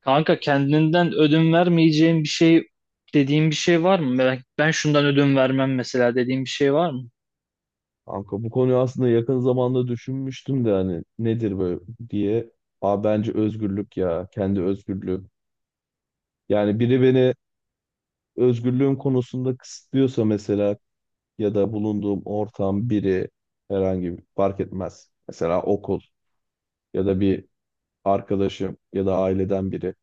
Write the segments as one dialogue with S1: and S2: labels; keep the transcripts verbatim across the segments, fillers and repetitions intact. S1: Kanka kendinden ödün vermeyeceğin bir şey dediğin bir şey var mı? Ben, ben şundan ödün vermem mesela dediğin bir şey var mı?
S2: Kanka bu konuyu aslında yakın zamanda düşünmüştüm de hani nedir böyle diye. Aa bence özgürlük ya. Kendi özgürlüğüm. Yani biri beni özgürlüğüm konusunda kısıtlıyorsa mesela ya da bulunduğum ortam biri herhangi bir fark etmez. Mesela okul ya da bir arkadaşım ya da aileden biri.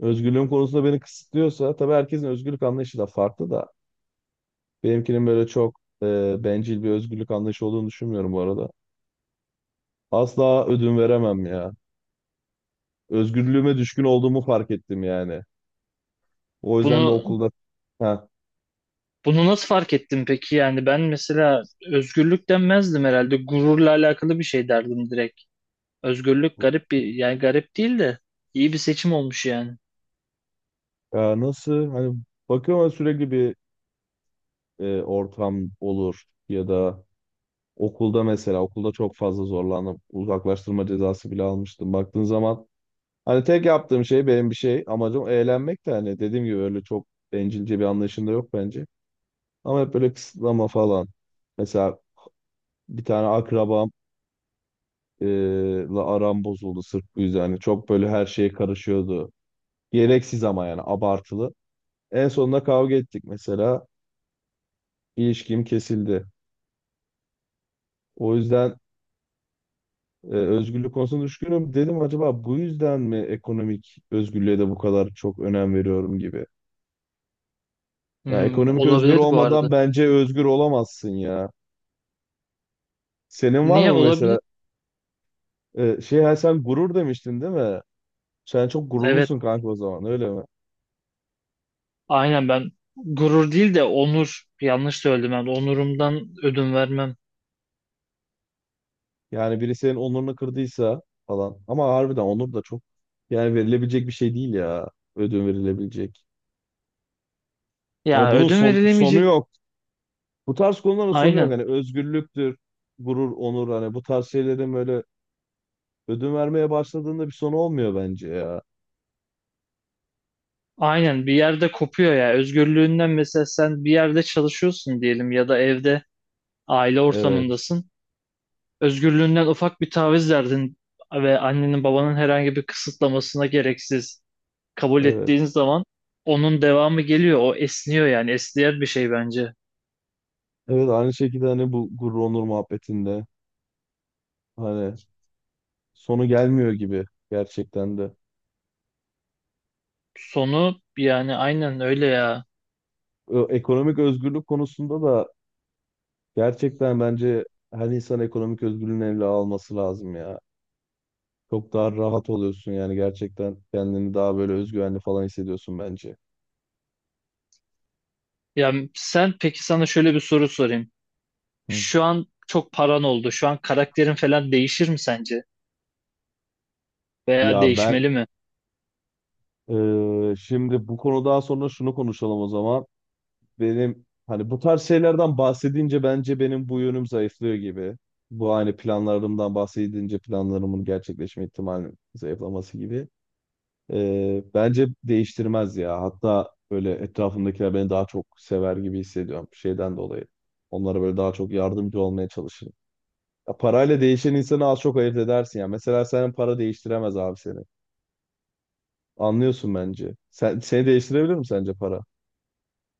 S2: Özgürlüğüm konusunda beni kısıtlıyorsa tabii herkesin özgürlük anlayışı da farklı da benimkinin böyle çok e, bencil bir özgürlük anlayışı olduğunu düşünmüyorum bu arada. Asla ödün veremem ya. Özgürlüğüme düşkün olduğumu fark ettim yani. O yüzden de
S1: Bunu
S2: okulda ha,
S1: bunu nasıl fark ettin peki? Yani ben mesela özgürlük denmezdim herhalde. Gururla alakalı bir şey derdim direkt. Özgürlük garip bir yani garip değil de iyi bir seçim olmuş yani.
S2: ya nasıl hani bakıyorum ama sürekli bir e, ortam olur ya da okulda mesela okulda çok fazla zorlandım. Uzaklaştırma cezası bile almıştım. Baktığın zaman hani tek yaptığım şey benim bir şey amacım eğlenmek de hani dediğim gibi öyle çok bencilce bir anlayışım da yok bence. Ama hep böyle kısıtlama falan. Mesela bir tane akrabam e, la aram bozuldu sırf bu yüzden. Hani çok böyle her şeye karışıyordu. Gereksiz ama yani abartılı. En sonunda kavga ettik mesela. İlişkim kesildi. O yüzden e, özgürlük konusunda düşkünüm. Dedim acaba bu yüzden mi ekonomik özgürlüğe de bu kadar çok önem veriyorum gibi. Ya
S1: Hmm,
S2: ekonomik özgür
S1: olabilir bu
S2: olmadan
S1: arada.
S2: bence özgür olamazsın ya. Senin var
S1: Niye
S2: mı
S1: olabilir?
S2: mesela e, şey ha, sen gurur demiştin değil mi? Sen çok
S1: Evet,
S2: gururlusun kanka o zaman öyle mi?
S1: aynen ben gurur değil de onur yanlış söyledim ben. Onurumdan ödün vermem.
S2: Yani biri senin onurunu kırdıysa falan. Ama harbiden onur da çok yani verilebilecek bir şey değil ya. Ödün verilebilecek.
S1: Ya
S2: Hani bunun
S1: ödün
S2: son, sonu
S1: verilemeyecek.
S2: yok. Bu tarz konuların sonu
S1: Aynen.
S2: yok. Hani özgürlüktür, gurur, onur hani bu tarz şeylerin böyle ödün vermeye başladığında bir sonu olmuyor bence ya.
S1: Aynen bir yerde kopuyor ya. Özgürlüğünden mesela sen bir yerde çalışıyorsun diyelim ya da evde aile
S2: Evet,
S1: ortamındasın. Özgürlüğünden ufak bir taviz verdin ve annenin babanın herhangi bir kısıtlamasına gereksiz kabul
S2: evet.
S1: ettiğin zaman onun devamı geliyor. O esniyor yani esniyen bir şey bence.
S2: Evet aynı şekilde hani bu gurur, onur muhabbetinde hani sonu gelmiyor gibi gerçekten de.
S1: Sonu yani aynen öyle ya.
S2: Ö- Ekonomik özgürlük konusunda da gerçekten bence her insan ekonomik özgürlüğünü eline alması lazım ya. Çok daha rahat oluyorsun yani gerçekten kendini daha böyle özgüvenli falan hissediyorsun bence.
S1: Ya sen, peki sana şöyle bir soru sorayım.
S2: Hı.
S1: Şu an çok paran oldu. Şu an karakterin falan değişir mi sence? Veya
S2: Ya ben
S1: değişmeli mi?
S2: Ee, şimdi bu konudan sonra şunu konuşalım o zaman. Benim hani bu tarz şeylerden bahsedince bence benim bu yönüm zayıflıyor gibi. Bu hani planlarımdan bahsedince planlarımın gerçekleşme ihtimalinin zayıflaması gibi. Ee, bence değiştirmez ya. Hatta böyle etrafımdakiler beni daha çok sever gibi hissediyorum şeyden dolayı. Onlara böyle daha çok yardımcı olmaya çalışırım. Ya parayla değişen insanı az çok ayırt edersin ya. Mesela senin para değiştiremez abi seni. Anlıyorsun bence. Sen, seni değiştirebilir mi sence para?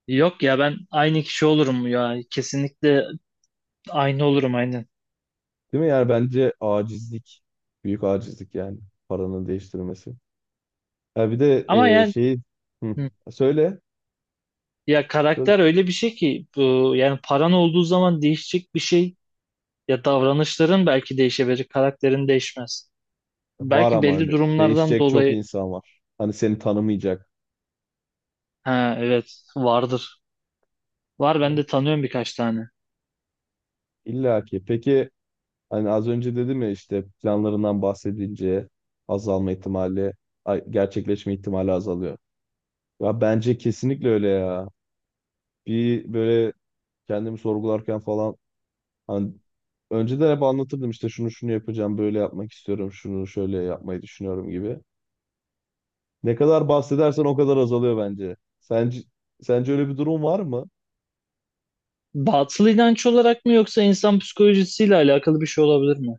S1: Yok ya, ben aynı kişi olurum ya. Kesinlikle aynı olurum, aynen.
S2: Değil mi? Yani bence acizlik. Büyük acizlik yani. Paranın değiştirmesi. Ha bir de
S1: Ama
S2: e,
S1: yani
S2: şeyi hı,
S1: hı,
S2: söyle.
S1: ya
S2: Söyle.
S1: karakter öyle bir şey ki bu, yani paran olduğu zaman değişecek bir şey, ya davranışların belki değişebilir, karakterin değişmez.
S2: Var
S1: Belki
S2: ama
S1: belli
S2: öyle.
S1: durumlardan
S2: Değişecek çok
S1: dolayı
S2: insan var. Hani seni tanımayacak.
S1: ha evet vardır. Var, ben
S2: Evet.
S1: de tanıyorum birkaç tane.
S2: İlla ki. Peki hani az önce dedim ya işte planlarından bahsedince azalma ihtimali, ay- gerçekleşme ihtimali azalıyor. Ya bence kesinlikle öyle ya. Bir böyle kendimi sorgularken falan. Hani önceden hep anlatırdım işte şunu şunu yapacağım, böyle yapmak istiyorum, şunu şöyle yapmayı düşünüyorum gibi. Ne kadar bahsedersen o kadar azalıyor bence. Sence, sence öyle bir durum var mı?
S1: Batıl inanç olarak mı yoksa insan psikolojisiyle alakalı bir şey olabilir mi?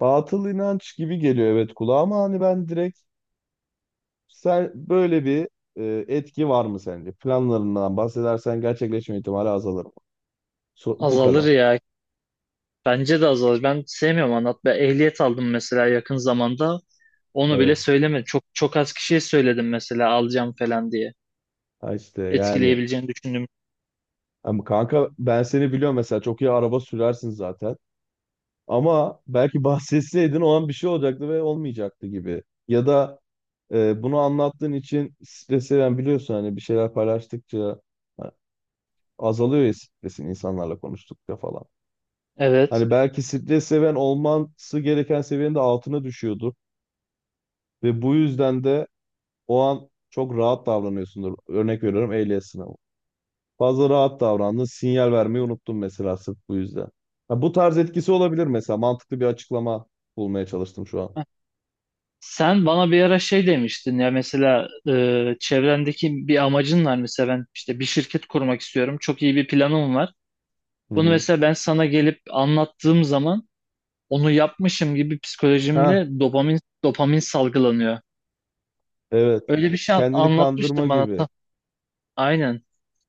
S2: Batıl inanç gibi geliyor evet kulağa ama hani ben direkt sen böyle bir e, etki var mı sence? Planlarından bahsedersen gerçekleşme ihtimali azalır mı? So- bu
S1: Azalır
S2: kadar.
S1: ya. Bence de azalır. Ben sevmiyorum anlatmayı. Ehliyet aldım mesela yakın zamanda. Onu bile
S2: Evet.
S1: söylemedim. Çok çok az kişiye söyledim mesela alacağım falan diye.
S2: Ha işte yani
S1: Etkileyebileceğini düşündüm.
S2: ama kanka ben seni biliyorum mesela çok iyi araba sürersin zaten. Ama belki bahsetseydin o an bir şey olacaktı ve olmayacaktı gibi. Ya da e, bunu anlattığın için stres seven biliyorsun hani bir şeyler paylaştıkça ha, azalıyor ya stresin insanlarla konuştukça falan.
S1: Evet.
S2: Hani belki stres seven olması gereken seviyenin de altına düşüyordur ve bu yüzden de o an çok rahat davranıyorsundur. Örnek veriyorum ehliyet sınavı. Fazla rahat davrandın, sinyal vermeyi unuttun mesela sırf bu yüzden. Ha, bu tarz etkisi olabilir mesela. Mantıklı bir açıklama bulmaya çalıştım şu an.
S1: Heh. Sen bana bir ara şey demiştin ya, mesela e, çevrendeki bir amacın var mesela, ben işte bir şirket kurmak istiyorum. Çok iyi bir planım var.
S2: Hı
S1: Bunu
S2: hı.
S1: mesela ben sana gelip anlattığım zaman onu yapmışım gibi
S2: Ha
S1: psikolojimde dopamin dopamin salgılanıyor.
S2: evet.
S1: Öyle bir şey an-
S2: Kendini kandırma
S1: anlatmıştın bana.
S2: gibi.
S1: Aynen.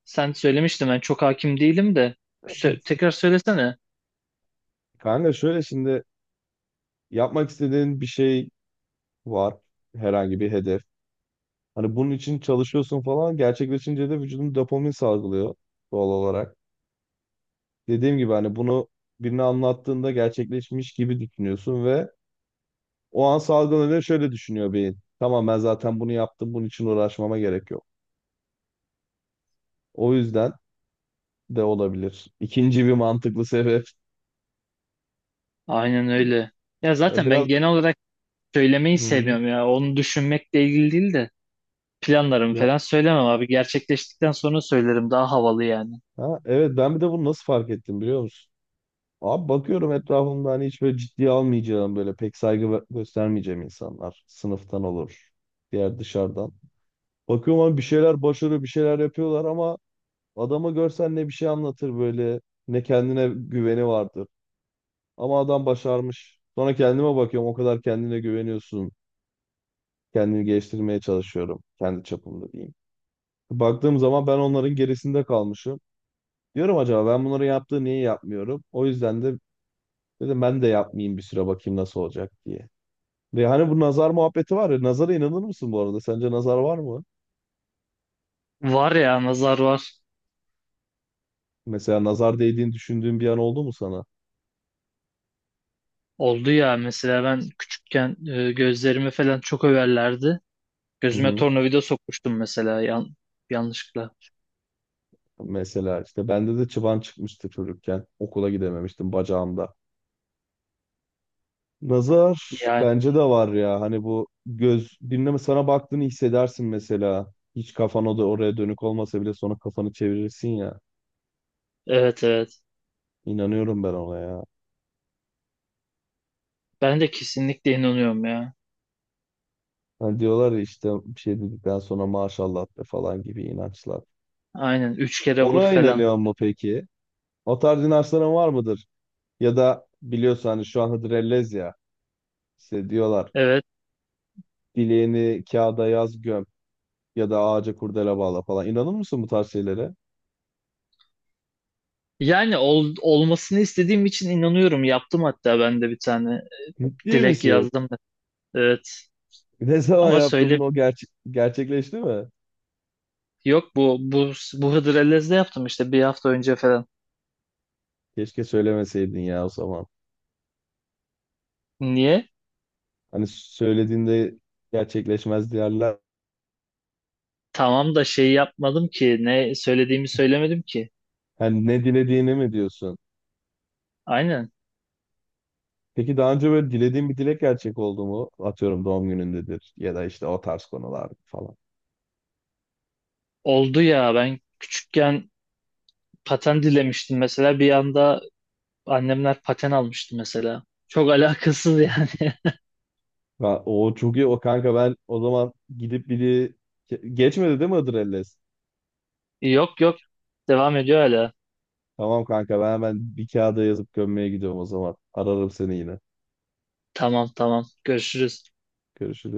S1: Sen söylemiştin, ben çok hakim değilim de Sö- tekrar söylesene.
S2: Kanka şöyle şimdi yapmak istediğin bir şey var. Herhangi bir hedef. Hani bunun için çalışıyorsun falan. Gerçekleşince de vücudun dopamin salgılıyor doğal olarak. Dediğim gibi hani bunu birine anlattığında gerçekleşmiş gibi düşünüyorsun ve o an salgılanıyor şöyle düşünüyor beyin. Tamam ben zaten bunu yaptım. Bunun için uğraşmama gerek yok. O yüzden de olabilir. İkinci bir mantıklı sebep.
S1: Aynen öyle. Ya
S2: Ya
S1: zaten
S2: biraz.
S1: ben genel olarak söylemeyi
S2: Hı hı.
S1: sevmiyorum ya. Onu düşünmekle ilgili değil de planlarımı falan söylemem abi. Gerçekleştikten sonra söylerim, daha havalı yani.
S2: Ha, evet ben bir de bunu nasıl fark ettim biliyor musun? Abi bakıyorum etrafımda hani hiç böyle ciddiye almayacağım böyle pek saygı gö- göstermeyeceğim insanlar. Sınıftan olur. Diğer dışarıdan. Bakıyorum abi bir şeyler başarıyor bir şeyler yapıyorlar ama adamı görsen ne bir şey anlatır böyle ne kendine güveni vardır. Ama adam başarmış. Sonra kendime bakıyorum o kadar kendine güveniyorsun. Kendini geliştirmeye çalışıyorum. Kendi çapımda diyeyim. Baktığım zaman ben onların gerisinde kalmışım. Diyorum acaba ben bunları yaptığı niye yapmıyorum? O yüzden de dedim ben de yapmayayım bir süre bakayım nasıl olacak diye. Ve hani bu nazar muhabbeti var ya. Nazara inanır mısın bu arada? Sence nazar var mı?
S1: Var ya, nazar var.
S2: Mesela nazar değdiğini düşündüğün bir an oldu mu sana?
S1: Oldu ya, mesela ben küçükken e, gözlerimi falan çok överlerdi.
S2: Hı
S1: Gözüme
S2: hı.
S1: tornavida sokmuştum mesela yan yanlışlıkla.
S2: Mesela işte bende de çıban çıkmıştı çocukken. Okula gidememiştim bacağımda. Nazar
S1: Yani
S2: bence de var ya. Hani bu göz dinleme sana baktığını hissedersin mesela. Hiç kafan o da oraya dönük olmasa bile sonra kafanı çevirirsin ya.
S1: evet, evet.
S2: İnanıyorum ben ona ya.
S1: Ben de kesinlikle inanıyorum ya.
S2: Hani diyorlar ya işte bir şey dedikten sonra maşallah be falan gibi inançlar.
S1: Aynen, üç kere vur
S2: Ona
S1: falan.
S2: inanıyor mu peki? O tarz inançların var mıdır? Ya da biliyorsun hani şu an Hıdrellez ya. İşte diyorlar
S1: Evet.
S2: dileğini kağıda yaz göm ya da ağaca kurdele bağla falan. İnanır mısın bu tarz şeylere?
S1: Yani ol- olmasını istediğim için inanıyorum. Yaptım hatta, ben de bir tane
S2: Ciddi
S1: dilek
S2: misin?
S1: yazdım. Evet.
S2: Ne zaman
S1: Ama
S2: yaptın
S1: söyle.
S2: bunu o gerçek gerçekleşti mi?
S1: Yok, bu bu bu Hıdrellez'de yaptım işte, bir hafta önce falan.
S2: Keşke söylemeseydin ya o zaman.
S1: Niye?
S2: Hani söylediğinde gerçekleşmez diyorlar.
S1: Tamam da şey yapmadım ki, ne söylediğimi söylemedim ki.
S2: Hani ne dilediğini mi diyorsun?
S1: Aynen.
S2: Peki daha önce böyle dilediğin bir dilek gerçek oldu mu? Atıyorum doğum günündedir ya da işte o tarz konular falan.
S1: Oldu ya, ben küçükken paten dilemiştim mesela, bir anda annemler paten almıştı mesela. Çok alakasız yani.
S2: Ha, o çok iyi o kanka ben o zaman gidip biri Ge- geçmedi değil mi Adrelles?
S1: Yok, yok, devam ediyor hala.
S2: Tamam kanka ben hemen bir kağıda yazıp gömmeye gidiyorum o zaman. Ararım seni yine.
S1: Tamam, tamam, görüşürüz.
S2: Görüşürüz.